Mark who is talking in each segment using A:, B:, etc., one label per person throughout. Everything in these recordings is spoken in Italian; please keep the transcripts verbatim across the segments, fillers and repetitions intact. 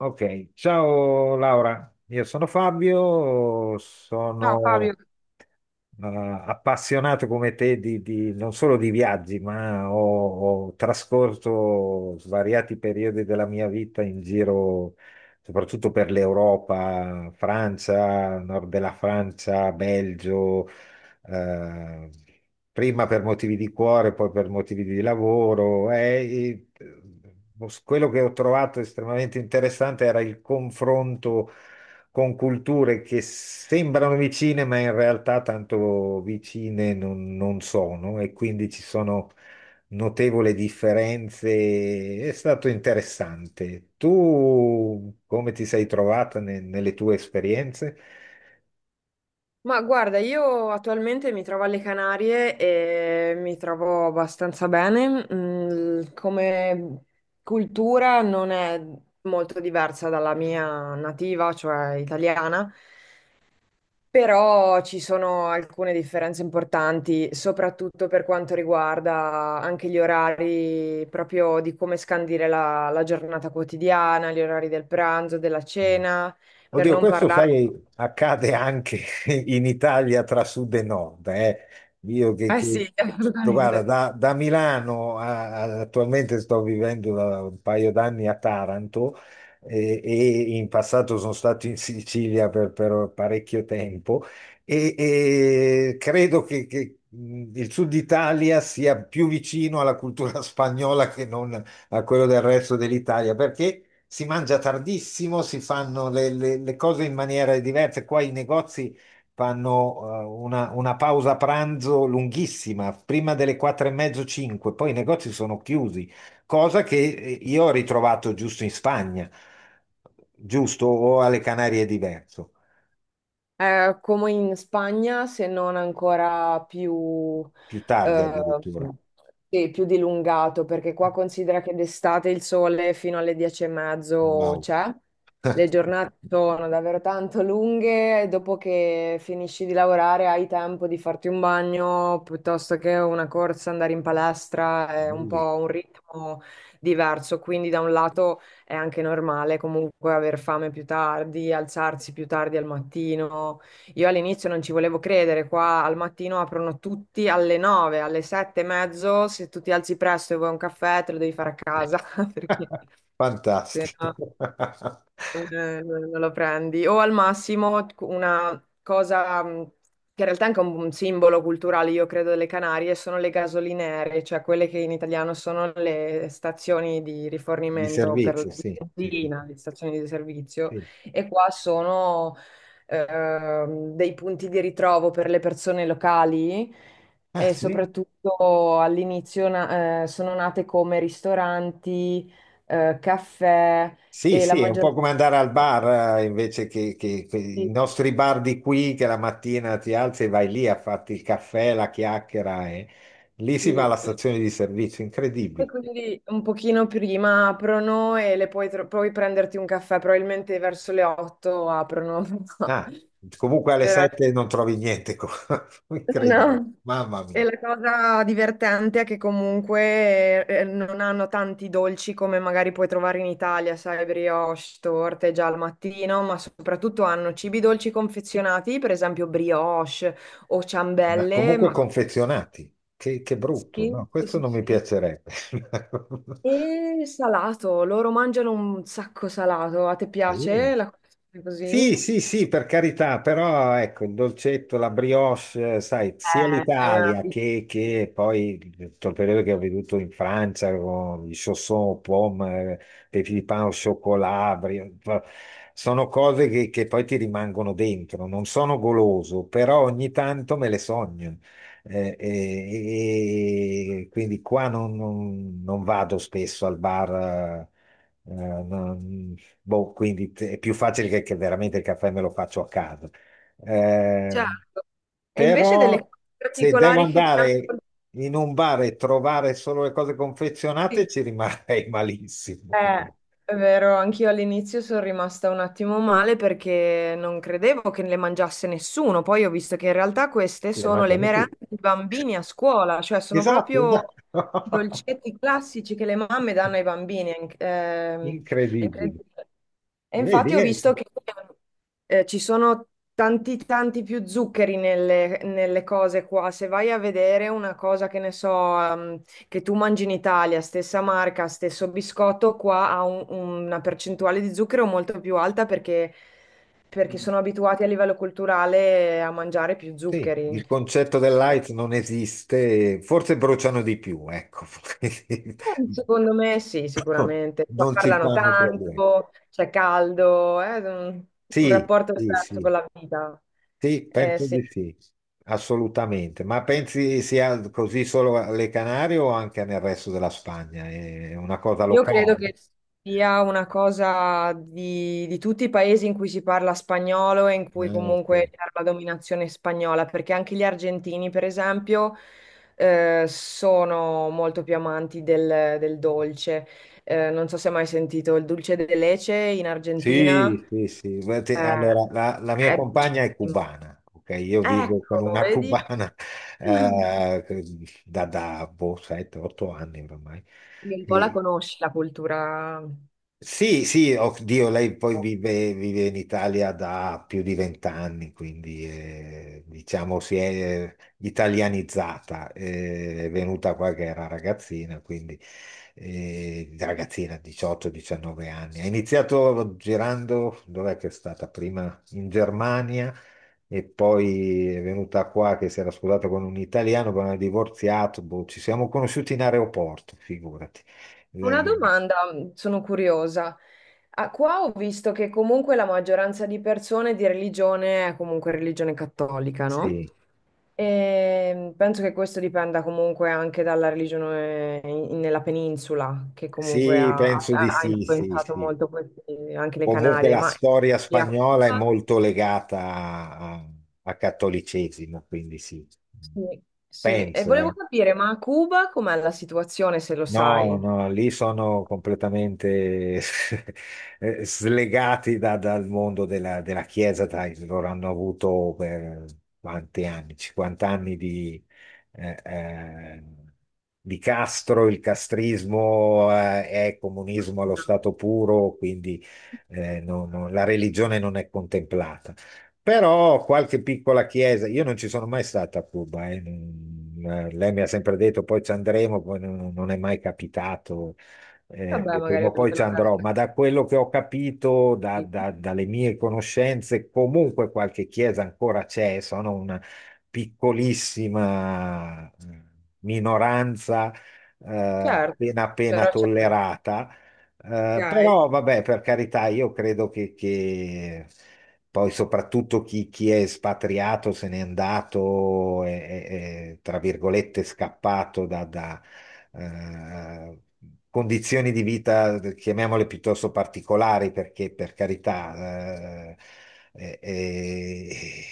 A: Ok, ciao Laura, io sono Fabio,
B: Ciao Fabio,
A: sono eh, appassionato come te di, di- non solo di viaggi, ma ho, ho trascorso svariati periodi della mia vita in giro, soprattutto per l'Europa, Francia, nord della Francia, Belgio, eh, prima per motivi di cuore, poi per motivi di lavoro. E- e- quello che ho trovato estremamente interessante era il confronto con culture che sembrano vicine, ma in realtà tanto vicine non, non sono, e quindi ci sono notevoli differenze. È stato interessante. Tu come ti sei trovata ne- nelle tue esperienze?
B: ma guarda, io attualmente mi trovo alle Canarie e mi trovo abbastanza bene. Mm, come cultura non è molto diversa dalla mia nativa, cioè italiana, però ci sono alcune differenze importanti, soprattutto per quanto riguarda anche gli orari proprio di come scandire la la giornata quotidiana, gli orari del pranzo, della cena, per
A: Oddio,
B: non
A: questo
B: parlare...
A: sai, accade anche in Italia tra sud e nord. eh. Io che,
B: Eh
A: che-
B: sì,
A: guarda,
B: assolutamente.
A: da, da Milano a- a- attualmente sto vivendo da un paio d'anni a Taranto eh, e, in passato sono stato in Sicilia per, per parecchio tempo e, e credo che, che, mh, il sud Italia sia più vicino alla cultura spagnola che non a quello del resto dell'Italia, perché si mangia tardissimo, si fanno le, le- le cose in maniere diverse. Qua i negozi fanno eh, una, una pausa pranzo lunghissima, prima delle quattro e mezzo, cinque, poi i negozi sono chiusi, cosa che eh, io ho ritrovato giusto in Spagna, giusto, o alle Canarie è diverso,
B: È come in Spagna, se non ancora più,
A: più tardi
B: eh,
A: addirittura.
B: sì, più dilungato, perché qua considera che d'estate il sole fino alle dieci e mezzo
A: Wow.
B: c'è, le giornate sono davvero tanto lunghe, e dopo che finisci di lavorare hai tempo di farti un bagno, piuttosto che una corsa, andare in palestra, è un
A: Bellissimo.
B: po' un ritmo diverso, quindi da un lato è anche normale comunque aver fame più tardi, alzarsi più tardi al mattino. Io all'inizio non ci volevo credere, qua al mattino aprono tutti alle nove, alle sette e mezzo, se tu ti alzi presto e vuoi un caffè te lo devi fare a casa, perché se
A: Fantastico.
B: no- non, eh, non- non lo prendi. O al massimo una cosa mh, che in realtà è anche un, un simbolo culturale, io credo, delle Canarie, sono le gasolinere, cioè quelle che in italiano sono le stazioni di
A: Di
B: rifornimento per la
A: servizio, sì. Sì, sì,
B: benzina, le stazioni di servizio,
A: sì.
B: e qua sono ehm, dei punti di ritrovo per le persone locali.
A: Ah,
B: E
A: sì?
B: soprattutto all'inizio na- eh, sono nate come ristoranti, eh, caffè,
A: Sì,
B: e la
A: sì, è un po'
B: maggior
A: come andare al bar eh, invece che, che- che
B: sì,
A: i nostri bar di qui, che la mattina ti alzi e vai lì a farti il caffè, la chiacchiera. e- Lì si va alla
B: sì.
A: stazione di servizio,
B: E
A: incredibile.
B: quindi un pochino prima aprono e le puoi, tro- puoi prenderti un caffè, probabilmente verso le otto aprono.
A: Ah, comunque alle
B: Però,
A: sette non trovi niente, co- incredibile,
B: no.
A: mamma
B: E
A: mia.
B: la cosa divertente è che comunque eh, non hanno tanti dolci come magari puoi trovare in Italia, sai, brioche, torte già al mattino, ma soprattutto hanno cibi dolci confezionati, per esempio brioche o
A: Ma
B: ciambelle,
A: comunque
B: ma...
A: confezionati, che, che brutto,
B: Sì,
A: no?
B: sì,
A: Questo
B: sì,
A: non mi
B: sì.
A: piacerebbe.
B: E salato, loro mangiano un sacco salato. A te
A: Sì.
B: piace la colazione
A: Sì,
B: così?
A: sì, sì, per carità, però ecco, il dolcetto, la brioche, eh, sai, sia
B: Eh, è una...
A: l'Italia che, che poi tutto il periodo che ho veduto in Francia con i chaussons, pomme, petit di pain au chocolat, brio- sono cose che, che poi ti rimangono dentro, non sono goloso, però ogni tanto me le sogno. Eh, e, e- quindi qua non, non- non vado spesso al bar. Eh, eh, no, boh, quindi te- è più facile che, che veramente il caffè me lo faccio a casa. Eh,
B: Certo. E invece delle
A: Però
B: cose
A: se devo
B: particolari che ti
A: andare
B: hanno...
A: in un bar e trovare solo le cose confezionate,
B: Sì.
A: ci rimarrei malissimo.
B: Eh, è vero, anch'io all'inizio sono rimasta un attimo male perché non credevo che le mangiasse nessuno. Poi ho visto che in realtà queste
A: Le
B: sono le
A: mangiano
B: merende
A: tutti.
B: dei bambini a scuola, cioè sono
A: Esatto,
B: proprio i
A: esatto.
B: dolcetti classici che le mamme danno ai bambini. È inc- ehm, è
A: Incredibile.
B: incredibile. E
A: Vedi,
B: infatti ho
A: eh,
B: visto
A: sì.
B: che eh, ci sono tanti, tanti più zuccheri nelle, nelle cose qua. Se vai a vedere una cosa che ne so, ehm, che tu mangi in Italia, stessa marca, stesso biscotto, qua ha un- una percentuale di zucchero molto più alta perché, perché sono abituati a livello culturale a mangiare più
A: Sì,
B: zuccheri.
A: il concetto del
B: Eh,
A: light non esiste, forse bruciano di più, ecco.
B: Secondo me sì, sicuramente. Qua
A: Non si
B: parlano
A: fanno problemi.
B: tanto, c'è caldo, è un, un
A: Sì,
B: rapporto
A: sì,
B: diverso con
A: sì,
B: la vita.
A: sì,
B: Eh,
A: penso
B: sì.
A: di sì, assolutamente. Ma pensi sia così solo alle Canarie o anche nel resto della Spagna? È una cosa
B: Io credo che
A: locale?
B: sia una cosa di, di tutti i paesi in cui si parla spagnolo e in cui
A: Ah, ok.
B: comunque c'era la dominazione spagnola, perché anche gli argentini, per esempio, eh, sono molto più amanti del, del dolce. Eh, non so se hai mai sentito il dulce de leche in Argentina,
A: Sì, sì, sì. Beh, te-
B: eh,
A: allora, la, la mia
B: è dolcissimo.
A: compagna è cubana, ok? Io vivo con
B: Ecco,
A: una
B: vedi?
A: cubana
B: Quindi
A: eh, da, da boh, sette o otto anni ormai.
B: un po' la
A: E,
B: conosci la cultura.
A: Sì, sì, oddio, lei poi vive, vive in Italia da più di vent'anni, quindi eh, diciamo si è eh, italianizzata, eh, è venuta qua che era ragazzina, quindi eh, ragazzina diciotto o diciannove anni. Ha iniziato girando, dov'è che è stata prima? In Germania e poi è venuta qua che si era sposata con un italiano, poi hanno divorziato, boh, ci siamo conosciuti in aeroporto, figurati.
B: Una
A: Eh,
B: domanda, mh, sono curiosa. Ah, qua ho visto che comunque la maggioranza di persone di religione è comunque religione cattolica, no?
A: sì,
B: E penso che questo dipenda comunque anche dalla religione in- nella penisola, che comunque
A: sì,
B: ha,
A: penso di
B: ha
A: sì, sì,
B: influenzato
A: sì.
B: molto questi- anche le
A: Comunque
B: Canarie.
A: la
B: Ma
A: storia
B: lì a
A: spagnola è
B: Cuba?
A: molto legata a, a al cattolicesimo, quindi sì,
B: Sì, sì. E
A: penso.
B: volevo
A: eh.
B: capire, ma a Cuba com'è la situazione, se lo
A: No,
B: sai?
A: no, lì sono completamente eh, slegati da- dal mondo della, della Chiesa, dai, loro hanno avuto per quanti anni? cinquanta anni di, eh, eh, di Castro, il castrismo eh, è comunismo
B: No.
A: allo stato puro, quindi eh, non- non- la religione non è contemplata. Però qualche piccola chiesa, io non ci sono mai stato a Cuba, eh, non- eh, lei mi ha sempre detto poi ci andremo, poi non, non è mai capitato, eh,
B: Vabbè,
A: e
B: magari
A: prima o poi
B: avete
A: ci andrò,
B: l'occasione.
A: ma da quello che ho capito, da-
B: Sì.
A: da- dalle mie conoscenze, comunque qualche chiesa ancora c'è, sono una piccolissima eh, minoranza, eh,
B: Certo,
A: appena appena
B: però c'è.
A: tollerata, eh,
B: Ok.
A: però vabbè, per carità, io credo che, che poi soprattutto chi, chi è espatriato, se n'è andato, è, è- è, tra virgolette, scappato da, da, eh, condizioni di vita, chiamiamole piuttosto particolari, perché per carità, eh, è- è-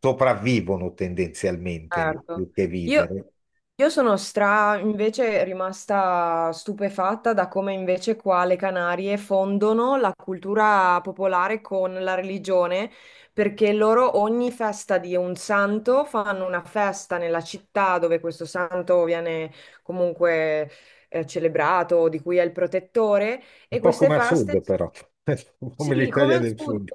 A: sopravvivono tendenzialmente lì,
B: Certo.
A: più che
B: Io,
A: vivere.
B: io sono stra invece rimasta stupefatta da come invece qua le Canarie fondono la cultura popolare con la religione, perché loro ogni festa di un santo fanno una festa nella città dove questo santo viene comunque eh, celebrato, di cui è il protettore, e
A: Un po'
B: queste
A: come a
B: feste
A: sud, però, come
B: sì, come
A: l'Italia
B: al
A: del
B: sud.
A: Sud.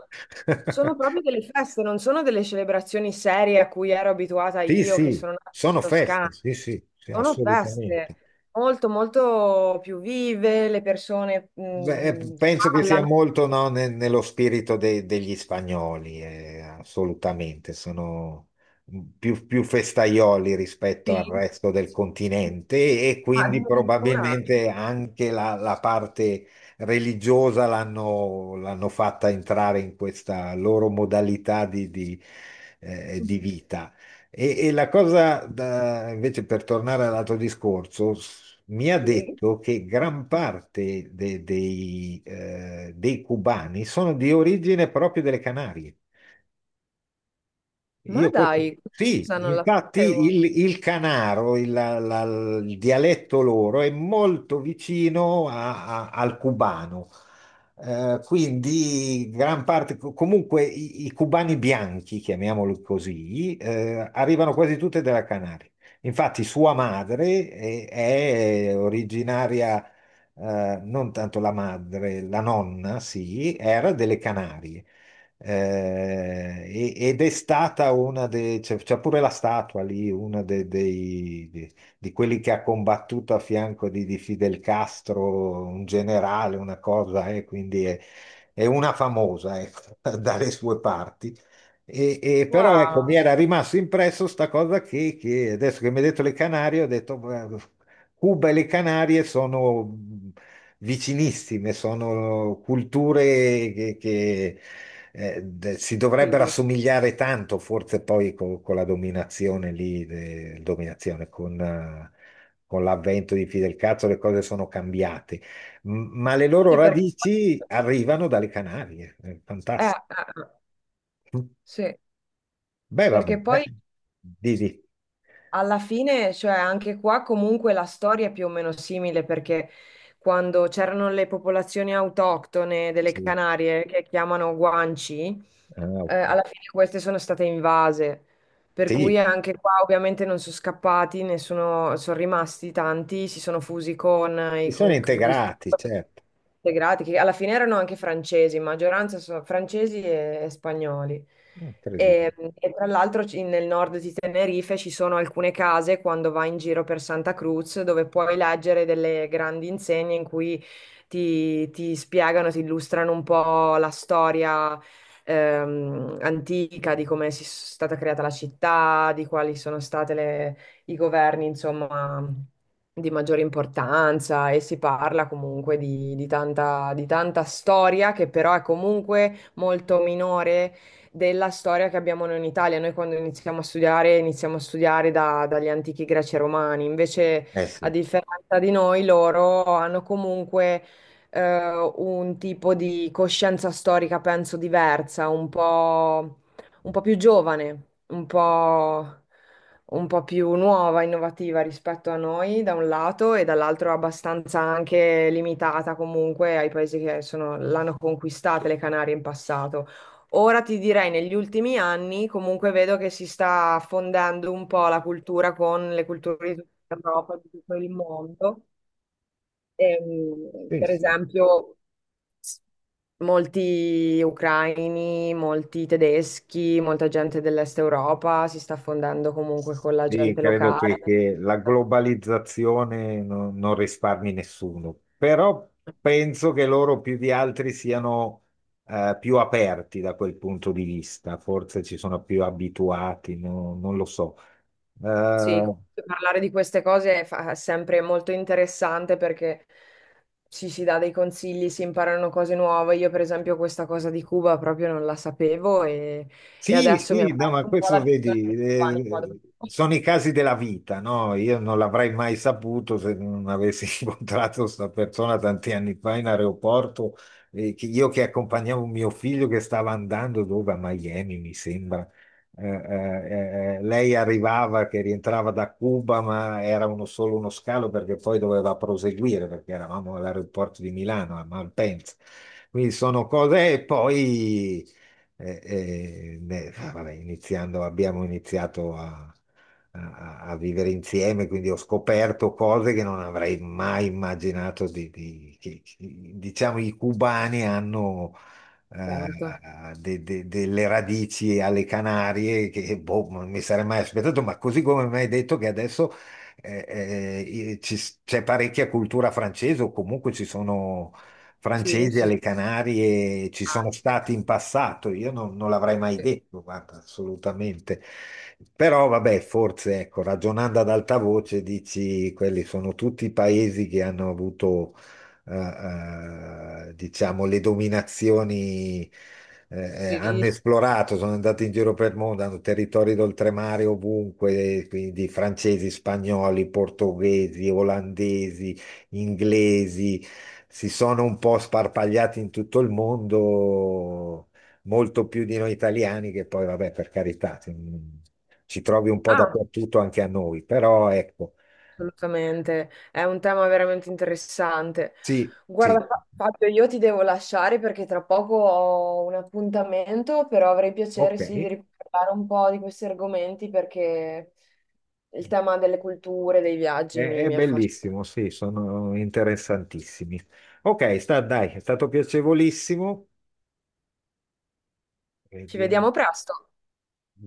B: Sono proprio delle feste, non sono delle celebrazioni serie a cui ero abituata
A: Sì,
B: io, che
A: sì,
B: sono nata in
A: sono feste,
B: Toscana.
A: sì, sì, sì,
B: Sono
A: assolutamente.
B: feste molto, molto più vive, le persone
A: Beh, eh,
B: mm,
A: penso che sia
B: ballano,
A: molto, no, ne- nello spirito de- degli spagnoli, eh, assolutamente, sono più, più festaioli rispetto al
B: sì.
A: resto del continente e
B: Ma
A: quindi
B: addirittura...
A: probabilmente anche la, la parte religiosa l'hanno l'hanno fatta entrare in questa loro modalità di di, eh, di vita. E, e la cosa, da- invece, per tornare all'altro discorso, s- mi ha
B: Sì.
A: detto che gran parte de- dei, eh, dei cubani sono di origine proprio delle Canarie.
B: Ma
A: Io questo-
B: dai,
A: sì,
B: cosa non la
A: infatti
B: sapevo.
A: il, il canaro, il, la- la- il dialetto loro è molto vicino a- a- al cubano. Eh, quindi gran parte, co- comunque i, i cubani bianchi, chiamiamoli così, eh, arrivano quasi tutte dalla Canaria. Infatti sua madre è, è originaria, eh, non tanto la madre, la nonna, sì, era delle Canarie. Eh, e- ed è stata una dei, c'è c'è pure la statua lì, una de- dei, di, di quelli che ha combattuto a fianco di, di Fidel Castro, un generale, una cosa, eh, quindi è, è una famosa, ecco, dalle sue parti. E, e però ecco, mi
B: Wow,
A: era rimasto impresso sta cosa che, che adesso che mi hai detto le Canarie, ho detto, "Beh, Cuba e le Canarie sono vicinissime, sono culture che, che, eh, de- si dovrebbero
B: sì,
A: assomigliare tanto, forse poi co- con, la dominazione lì, de- dominazione con, eh, con l'avvento di Fidel Cazzo le cose sono cambiate, M- ma le loro
B: sì, perché...
A: radici arrivano dalle Canarie, è
B: eh, eh,
A: fantastico.
B: eh, sì,
A: Beh, va bene,
B: perché
A: beh.
B: poi...
A: Di, di-
B: Alla fine, cioè anche qua comunque la storia è più o meno simile perché quando c'erano le popolazioni autoctone delle
A: sì.
B: Canarie che chiamano Guanci,
A: Ah,
B: eh,
A: ok.
B: alla fine queste sono state invase. Per cui
A: Sì,
B: anche qua ovviamente non sono scappati, ne sono, sono rimasti tanti, si sono fusi con
A: si
B: i
A: sono integrati,
B: conquistatori
A: certo,
B: integrati, che alla fine erano anche francesi, in maggioranza sono francesi e e spagnoli.
A: incredibile.
B: E, e tra l'altro ci- nel nord di Tenerife ci sono alcune case quando vai in giro per Santa Cruz dove puoi leggere delle grandi insegne in cui ti, ti spiegano, ti illustrano un po' la storia ehm, antica di come si è stata creata la città, di quali sono state le- i governi, insomma, di maggiore importanza e si parla comunque di, di tanta, di tanta storia che però è comunque molto minore della storia che abbiamo noi in Italia. Noi quando iniziamo a studiare, iniziamo a studiare da- dagli antichi greci e romani. Invece,
A: Eh
B: a
A: sì,
B: differenza di noi, loro hanno comunque eh, un tipo di coscienza storica, penso, diversa, un po', un po' più giovane, un po', un po' più nuova, innovativa rispetto a noi, da un lato, e dall'altro abbastanza anche limitata comunque ai paesi che sono- l'hanno conquistata, le Canarie in passato. Ora ti direi, negli ultimi anni comunque vedo che si sta fondendo un po' la cultura con le culture di tutta Europa, di tutto il mondo. Ehm,
A: sì,
B: per
A: sì.
B: esempio, s- molti ucraini, molti tedeschi, molta gente dell'Est Europa si sta fondendo comunque con la
A: Sì,
B: gente
A: credo
B: locale.
A: che, che la globalizzazione no- non risparmi nessuno, però penso che loro più di altri siano eh, più aperti da quel punto di vista, forse ci sono più abituati, no- non lo so.
B: Sì,
A: Eh,
B: comunque parlare di queste cose è, fa- è sempre molto interessante perché ci si dà dei consigli, si imparano cose nuove. Io, per esempio, questa cosa di Cuba proprio non la sapevo e, e
A: Sì,
B: adesso mi ha
A: sì, no, ma
B: aperto un po' la
A: questo
B: visione
A: vedi,
B: dei cubani qua dove
A: eh,
B: sono.
A: sono i casi della vita, no? Io non l'avrei mai saputo se non avessi incontrato questa persona tanti anni fa in aeroporto, eh, che io che accompagnavo mio figlio che stava andando dove? A Miami, mi sembra. Eh, eh, eh, lei arrivava che rientrava da Cuba, ma era uno- solo uno scalo perché poi doveva proseguire perché eravamo all'aeroporto di Milano, a Malpensa. Quindi sono cose e poi eh, eh, ne- ah, vabbè, iniziando, abbiamo iniziato a, a- a vivere insieme, quindi ho scoperto cose che non avrei mai immaginato di, di- che- che- diciamo, i cubani hanno eh,
B: Certo.
A: de- de- delle radici alle Canarie che boh, non mi sarei mai aspettato, ma così come mi hai detto che adesso eh, eh, ci- c'è parecchia cultura francese o comunque ci sono
B: Sì,
A: francesi
B: sì, sì,
A: alle Canarie, ci sono
B: anche.
A: stati in passato, io non, non l'avrei mai
B: Sì.
A: detto, guarda, assolutamente. Però vabbè, forse ecco, ragionando ad alta voce dici quelli sono tutti paesi che hanno avuto eh, eh, diciamo le dominazioni, eh, eh,
B: Sì,
A: hanno
B: sì.
A: esplorato, sono andati in giro per il mondo, hanno territori d'oltremare ovunque, quindi francesi, spagnoli, portoghesi, olandesi, inglesi, si sono un po' sparpagliati in tutto il mondo, molto più di noi italiani, che poi, vabbè, per carità, ci ci trovi un po'
B: Ah,
A: dappertutto anche a noi, però ecco,
B: assolutamente, è un tema veramente interessante.
A: sì,
B: Guarda,
A: sì,
B: Fa- Fabio, io ti devo lasciare perché tra poco ho un appuntamento, però avrei piacere
A: ok,
B: sì di riparlare un po' di questi argomenti perché il tema delle culture, dei viaggi
A: è,
B: mi,
A: è
B: mi affascina.
A: bellissimo, sì, sono interessantissimi. Ok, sta, dai, è stato piacevolissimo.
B: Ci
A: Vediamo.
B: vediamo presto.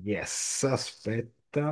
A: Yes, aspetta.